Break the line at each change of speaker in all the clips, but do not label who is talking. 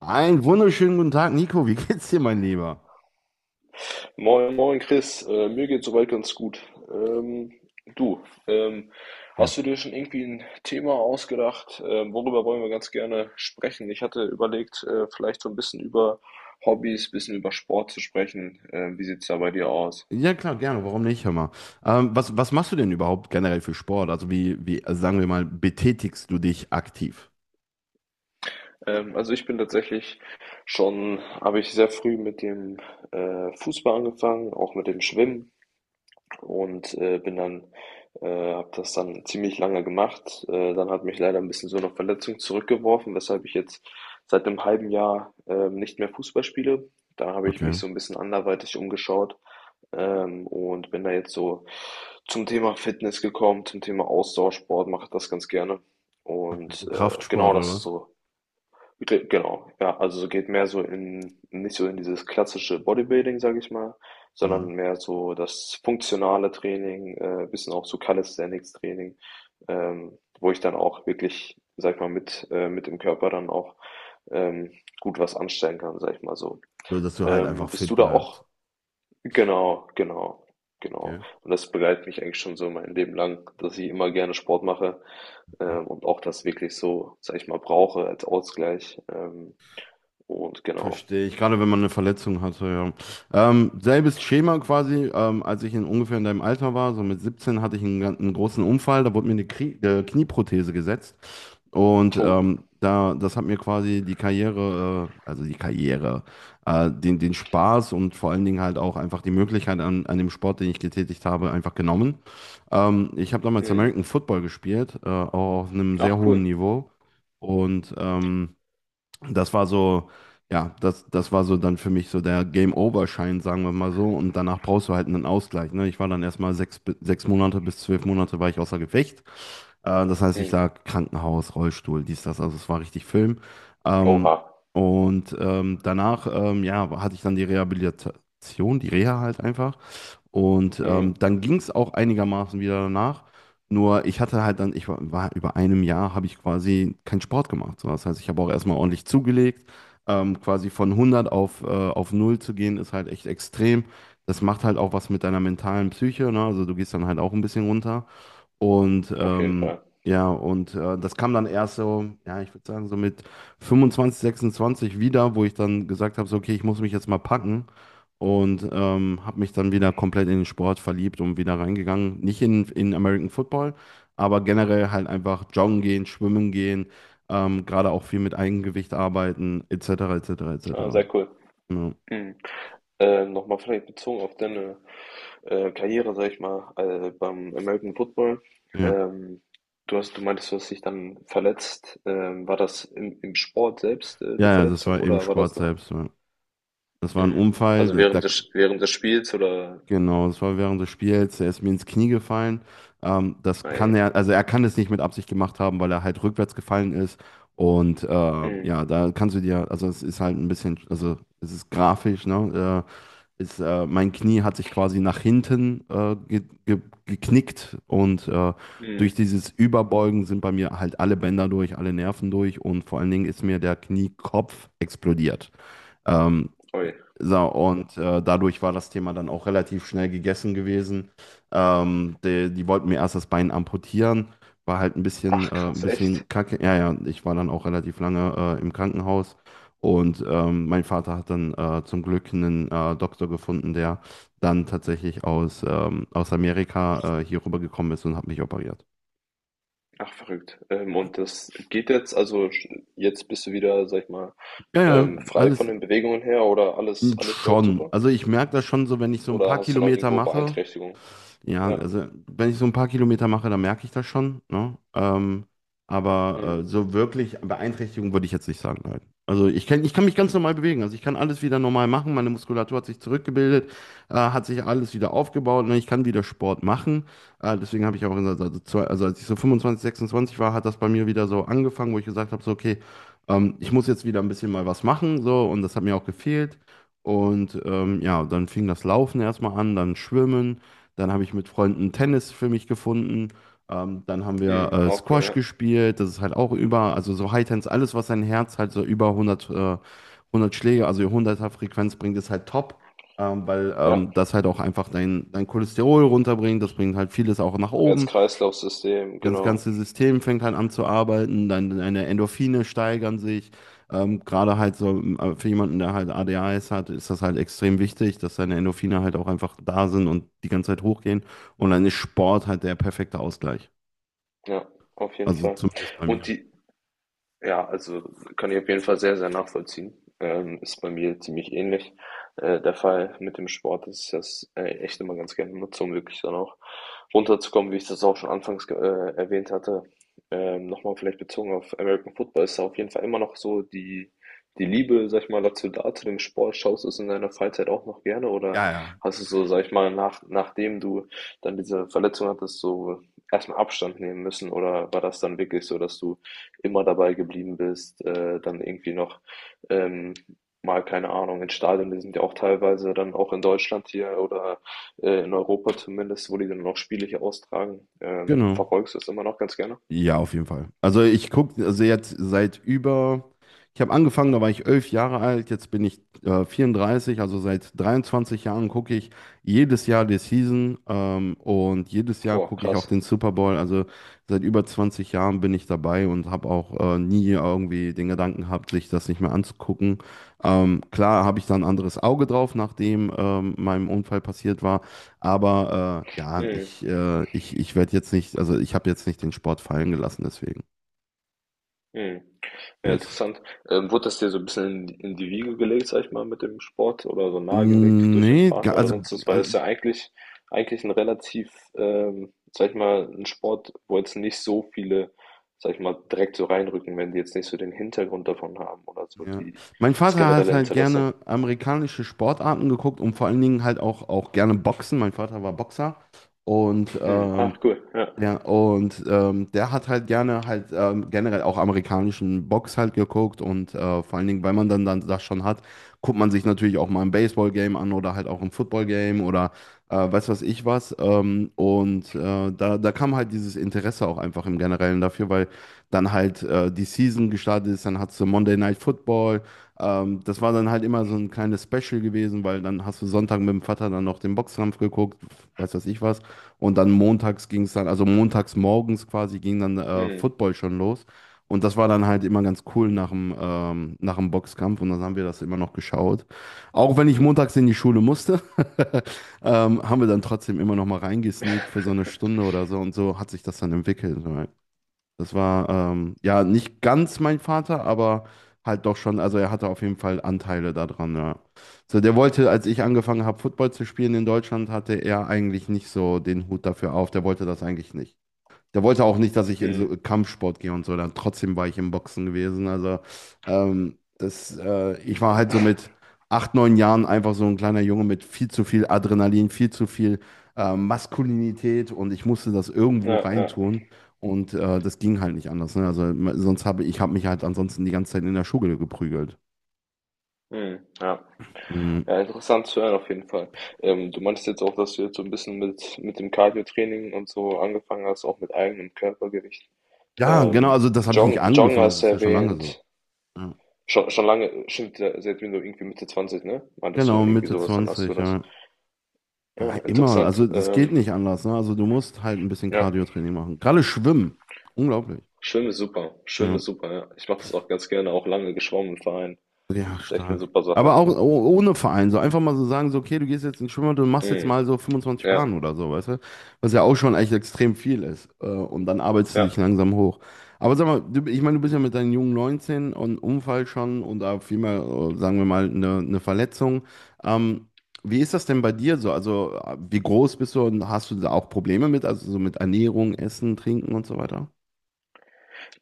Einen wunderschönen guten Tag, Nico. Wie geht's dir, mein Lieber?
Moin, moin Chris, mir geht soweit ganz gut. Ähm, du, ähm,
Ja.
hast du dir schon irgendwie ein Thema ausgedacht? Worüber wollen wir ganz gerne sprechen? Ich hatte überlegt, vielleicht so ein bisschen über Hobbys, bisschen über Sport zu sprechen. Wie sieht's da bei dir aus?
Ja, klar, gerne. Warum nicht? Hör mal. Was machst du denn überhaupt generell für Sport? Also sagen wir mal, betätigst du dich aktiv?
Also ich bin tatsächlich habe ich sehr früh mit dem Fußball angefangen, auch mit dem Schwimmen. Und habe das dann ziemlich lange gemacht. Dann hat mich leider ein bisschen so eine Verletzung zurückgeworfen, weshalb ich jetzt seit einem halben Jahr nicht mehr Fußball spiele. Da habe ich mich
Okay.
so ein bisschen anderweitig umgeschaut, und bin da jetzt so zum Thema Fitness gekommen, zum Thema Ausdauersport, mache das ganz gerne. Und
So
genau,
Kraftsport
das
oder
ist
was?
so. Ge genau, ja. Also, so geht mehr so in, nicht so in dieses klassische Bodybuilding, sage ich mal, sondern
Mhm.
mehr so das funktionale Training, bisschen auch so Calisthenics-Training, wo ich dann auch wirklich, sage ich mal, mit dem Körper dann auch, ähm, gut was anstellen kann, sage ich mal so.
So, dass du halt einfach
Bist
fit
du da auch
bleibst.
genau, genau, genau.
Okay.
Und das begleitet mich eigentlich schon so mein Leben lang, dass ich immer gerne Sport mache, und auch das wirklich so, sage ich mal, brauche als Ausgleich. Und genau.
Verstehe ich, gerade wenn man eine Verletzung hatte, ja. Selbes Schema quasi, als ich ungefähr in deinem Alter war, so mit 17 hatte ich einen großen Unfall, da wurde mir eine Krie Knieprothese gesetzt und
Oh.
da, das hat mir quasi die Karriere, also die Karriere, den, den Spaß und vor allen Dingen halt auch einfach die Möglichkeit an dem Sport, den ich getätigt habe, einfach genommen. Ich habe damals
Mhm.
American Football gespielt, auch auf einem sehr
Ach,
hohen
cool.
Niveau und das war so, ja, das war so dann für mich so der Game-Over-Schein, sagen wir mal so. Und danach brauchst du halt einen Ausgleich. Ne? Ich war dann erstmal sechs Monate bis zwölf Monate war ich außer Gefecht. Das heißt, ich
Mhm.
lag Krankenhaus, Rollstuhl, dies, das. Also es war richtig Film. Ähm,
Oha.
Danach, ja, hatte ich dann die Rehabilitation, die Reha halt einfach. Und
Mhm.
dann ging es auch einigermaßen wieder danach. Nur ich hatte halt dann, war über einem Jahr, habe ich quasi keinen Sport gemacht. So, das heißt, ich habe auch erstmal ordentlich zugelegt. Quasi von 100 auf null zu gehen, ist halt echt extrem. Das macht halt auch was mit deiner mentalen Psyche, ne? Also du gehst dann halt auch ein bisschen runter. Und
Auf jeden Fall.
das kam dann erst so, ja, ich würde sagen, so mit 25 26 wieder, wo ich dann gesagt habe, so, okay, ich muss mich jetzt mal packen. Und habe mich dann wieder komplett in den Sport verliebt und wieder reingegangen. Nicht in American Football, aber generell halt einfach joggen gehen, schwimmen gehen, gerade auch viel mit Eigengewicht arbeiten, etc., etc.,
Ah,
etc.
sehr cool.
Ja,
Mhm. Nochmal vielleicht bezogen auf deine Karriere, sag ich mal, beim American Football.
ja,
Ähm, du meintest, du hast dich dann verletzt. War das im, im Sport selbst, die
ja, das
Verletzung
war eben
oder war
Sport
das na-?
selbst. Ja. Das war ein
Mhm.
Unfall,
Also
da, da
während des Spiels oder?
Genau, das war während des Spiels. Er ist mir ins Knie gefallen. Das kann
Ei.
er, also er kann es nicht mit Absicht gemacht haben, weil er halt rückwärts gefallen ist. Und
Mhm.
ja, da kannst du dir, also es ist halt ein bisschen, also es ist grafisch, ne? Mein Knie hat sich quasi nach hinten ge ge geknickt und durch
Mhm.
dieses Überbeugen sind bei mir halt alle Bänder durch, alle Nerven durch und vor allen Dingen ist mir der Kniekopf explodiert. Ähm,
Ui.
so, und dadurch war das Thema dann auch relativ schnell gegessen gewesen. Die, die wollten mir erst das Bein amputieren, war halt
Ach
ein
krass, echt?
bisschen kacke. Ja, ja, ich war dann auch relativ lange im Krankenhaus und mein Vater hat dann zum Glück einen Doktor gefunden, der dann tatsächlich aus Amerika hier rübergekommen ist und hat mich operiert.
Ach, verrückt. Und das geht jetzt, also sch- jetzt bist du wieder, sag ich mal,
Ja, ja,
frei von
alles
den Bewegungen her oder alles, alles läuft
schon.
super?
Also ich merke das schon so, wenn ich so ein paar
Oder hast du noch
Kilometer
irgendwo
mache.
Beeinträchtigungen?
Ja,
Ja.
also wenn ich so ein paar Kilometer mache, dann merke ich das schon, ne? Ähm,
Hm.
aber äh, so wirklich Beeinträchtigung würde ich jetzt nicht sagen, nein. Also ich kann mich ganz normal bewegen. Also ich kann alles wieder normal machen. Meine Muskulatur hat sich zurückgebildet, hat sich alles wieder aufgebaut. Ne? Ich kann wieder Sport machen. Deswegen habe ich auch gesagt, also als ich so 25 26 war, hat das bei mir wieder so angefangen, wo ich gesagt habe, so okay, ich muss jetzt wieder ein bisschen mal was machen. So, und das hat mir auch gefehlt. Und ja, dann fing das Laufen erstmal an, dann Schwimmen. Dann habe ich mit Freunden Tennis für mich gefunden. Dann haben wir
Hm, auch cool,
Squash
ja.
gespielt. Das ist halt auch über, also so Hightens, alles, was dein Herz halt so über 100 Schläge, also 100er Frequenz bringt, ist halt top. Ähm, weil
Ja,
ähm, das halt auch einfach dein, dein Cholesterol runterbringt. Das bringt halt vieles auch nach oben,
Herz-Kreislauf-System,
das
genau.
ganze System fängt halt an zu arbeiten, deine, deine Endorphine steigern sich. Gerade halt so für jemanden, der halt ADHS hat, ist das halt extrem wichtig, dass seine Endorphine halt auch einfach da sind und die ganze Zeit hochgehen. Und dann ist Sport halt der perfekte Ausgleich.
Ja, auf jeden
Also
Fall.
zumindest bei mir.
Und die, ja, also kann ich auf jeden Fall sehr, sehr nachvollziehen. Ist bei mir ziemlich ähnlich. Der Fall mit dem Sport ist das, echt immer ganz gerne nutze, um wirklich dann auch runterzukommen, wie ich das auch schon anfangs erwähnt hatte. Nochmal vielleicht bezogen auf American Football, ist da auf jeden Fall immer noch so die, die Liebe, sag ich mal, dazu da, zu dem Sport. Schaust du es in deiner Freizeit auch noch gerne oder
Ja, ja.
hast du so, sag ich mal, nachdem du dann diese Verletzung hattest, so erstmal Abstand nehmen müssen oder war das dann wirklich so, dass du immer dabei geblieben bist, dann irgendwie noch ähm, mal, keine Ahnung, in Stadien, die sind ja auch teilweise dann auch in Deutschland hier oder in Europa zumindest, wo die dann auch Spiele hier austragen.
Genau.
Verfolgst du es immer noch ganz gerne?
Ja, auf jeden Fall. Also jetzt seit über, ich habe angefangen, da war ich 11 Jahre alt, jetzt bin ich 34, also seit 23 Jahren gucke ich jedes Jahr die Season, und jedes Jahr
Boah,
gucke ich auch
krass.
den Super Bowl. Also seit über 20 Jahren bin ich dabei und habe auch nie irgendwie den Gedanken gehabt, sich das nicht mehr anzugucken. Klar habe ich da ein anderes Auge drauf, nachdem meinem Unfall passiert war. Aber äh, ja,
Mhm.
ich, äh, ich, ich werde jetzt nicht, also ich habe jetzt nicht den Sport fallen gelassen, deswegen.
Hm. Ja,
Yes.
interessant. Wurde das dir so ein bisschen in die Wiege gelegt, sag ich mal, mit dem Sport oder so nahegelegt durch deinen
Nee, ga-
Vater oder
also,
sonst was? Weil es
also
ja eigentlich ein relativ, sag ich mal, ein Sport, wo jetzt nicht so viele, sag ich mal, direkt so reinrücken, wenn die jetzt nicht so den Hintergrund davon haben oder so
ja.
die,
Mein
das
Vater hat
generelle
halt
Interesse.
gerne amerikanische Sportarten geguckt und vor allen Dingen auch gerne Boxen. Mein Vater war Boxer und
Hm. Ach, cool. Ja.
ja, und der hat halt gerne halt generell auch amerikanischen Box halt geguckt und vor allen Dingen, weil man dann das schon hat, guckt man sich natürlich auch mal ein Baseball-Game an oder halt auch ein Football-Game oder weiß was ich was. Da kam halt dieses Interesse auch einfach im Generellen dafür, weil dann halt die Season gestartet ist, dann hast du Monday Night Football. Das war dann halt immer so ein kleines Special gewesen, weil dann hast du Sonntag mit dem Vater dann noch den Boxkampf geguckt, weiß was ich was. Und dann montags ging es dann, also montags morgens quasi ging dann
Hm.
Football schon los. Und das war dann halt immer ganz cool nach dem Boxkampf und dann haben wir das immer noch geschaut. Auch wenn ich montags in die Schule musste, haben wir dann trotzdem immer noch mal reingesneakt für so eine Stunde oder so und so hat sich das dann entwickelt. Das war ja nicht ganz mein Vater, aber halt doch schon. Also er hatte auf jeden Fall Anteile daran. Ja. So, der wollte, als ich angefangen habe, Football zu spielen in Deutschland, hatte er eigentlich nicht so den Hut dafür auf. Der wollte das eigentlich nicht. Der wollte auch nicht, dass ich in so
Hm.
Kampfsport gehe und so. Dann trotzdem war ich im Boxen gewesen. Also ich war halt so mit acht, neun Jahren einfach so ein kleiner Junge mit viel zu viel Adrenalin, viel zu viel Maskulinität und ich musste das irgendwo
Ja, ja.
reintun. Und das ging halt nicht anders. Ne? Sonst habe ich habe mich halt ansonsten die ganze Zeit in der Schule geprügelt.
Hm. Ja.
Mhm.
Ja, interessant zu hören auf jeden Fall. Du meintest jetzt auch, dass du jetzt so ein bisschen mit dem Cardio-Training und so angefangen hast, auch mit eigenem Körpergewicht.
Ja, genau. Also das habe ich nicht
Jong
angefangen. Das
hast du
ist ja schon lange so.
erwähnt,
Ja.
schon lange, schon seit du irgendwie Mitte Zwanzig, ne? Meintest du
Genau,
irgendwie
Mitte
sowas, dann hast du
20.
das.
Ja.
Ja,
Ja, immer. Also
interessant.
das geht nicht anders. Ne? Also du musst halt ein bisschen
Ja,
Cardio-Training machen. Gerade Schwimmen. Unglaublich.
Schwimmen ist super. Schwimmen
Ja.
ist super, ja. Ich mache das auch ganz gerne, auch lange geschwommen im Verein.
Ja,
Ist echt eine
stark.
super
Aber
Sache.
auch ohne Verein, so einfach mal so sagen, so, okay, du gehst jetzt ins Schwimmbad und machst jetzt
Hm.
mal so 25
Ja,
Bahnen oder so, weißt du? Was ja auch schon echt extrem viel ist. Und dann arbeitest du dich
ja.
langsam hoch. Aber sag mal, du, ich meine, du bist ja mit deinen jungen 19 und Unfall schon und da vielmehr, sagen wir mal, eine Verletzung. Ähm, Wie ist das denn bei dir so? Also, wie groß bist du und hast du da auch Probleme mit? Also, so mit Ernährung, Essen, Trinken und so weiter?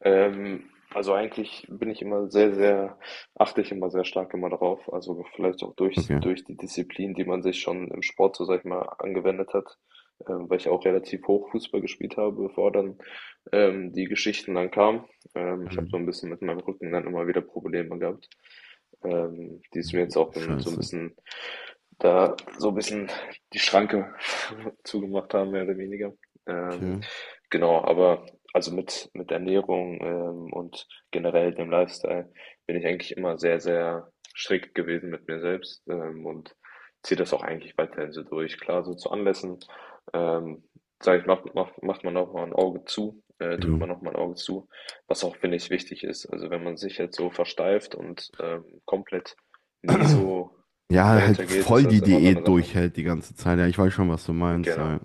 Also eigentlich bin ich immer sehr, sehr, achte ich immer sehr stark immer darauf. Also vielleicht auch durch,
Okay.
durch die Disziplin, die man sich schon im Sport, so sag ich mal, angewendet hat, weil ich auch relativ hoch Fußball gespielt habe, bevor dann die Geschichten dann kamen. Ich habe so
Ähm,
ein bisschen mit meinem Rücken dann immer wieder Probleme gehabt. Die es mir jetzt auch dann so ein
Scheiße.
bisschen da so ein bisschen die Schranke zugemacht haben, mehr oder weniger. Ähm,
Okay.
genau, aber also mit Ernährung, und generell dem Lifestyle bin ich eigentlich immer sehr, sehr strikt gewesen mit mir selbst, und ziehe das auch eigentlich weiterhin so durch. Klar, so zu Anlässen, ähm, sage ich, macht man auch mal ein Auge zu, drückt
Ja.
man auch mal ein Auge zu, was auch, finde ich, wichtig ist. Also wenn man sich jetzt so versteift und komplett nie so
Ja, halt
dahinter geht, ist
voll die
das immer so eine
Diät
Sache.
durchhält die ganze Zeit. Ja, ich weiß schon, was du meinst.
Genau,
Ja.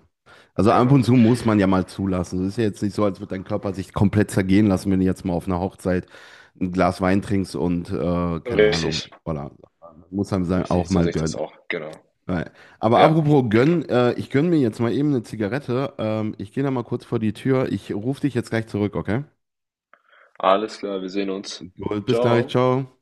Also ab und
genau.
zu muss man ja mal zulassen. Es ist ja jetzt nicht so, als würde dein Körper sich komplett zergehen lassen, wenn du jetzt mal auf einer Hochzeit ein Glas Wein trinkst und keine Ahnung.
Richtig,
Oder muss einem sein,
richtig,
auch
so
mal
sehe ich das
gönnen.
auch. Genau,
Ja. Aber
ja,
apropos
genau.
gönnen, ich gönne mir jetzt mal eben eine Zigarette. Ich gehe da mal kurz vor die Tür. Ich rufe dich jetzt gleich zurück, okay?
Alles klar, wir sehen uns.
Gut, bis gleich,
Ciao.
ciao.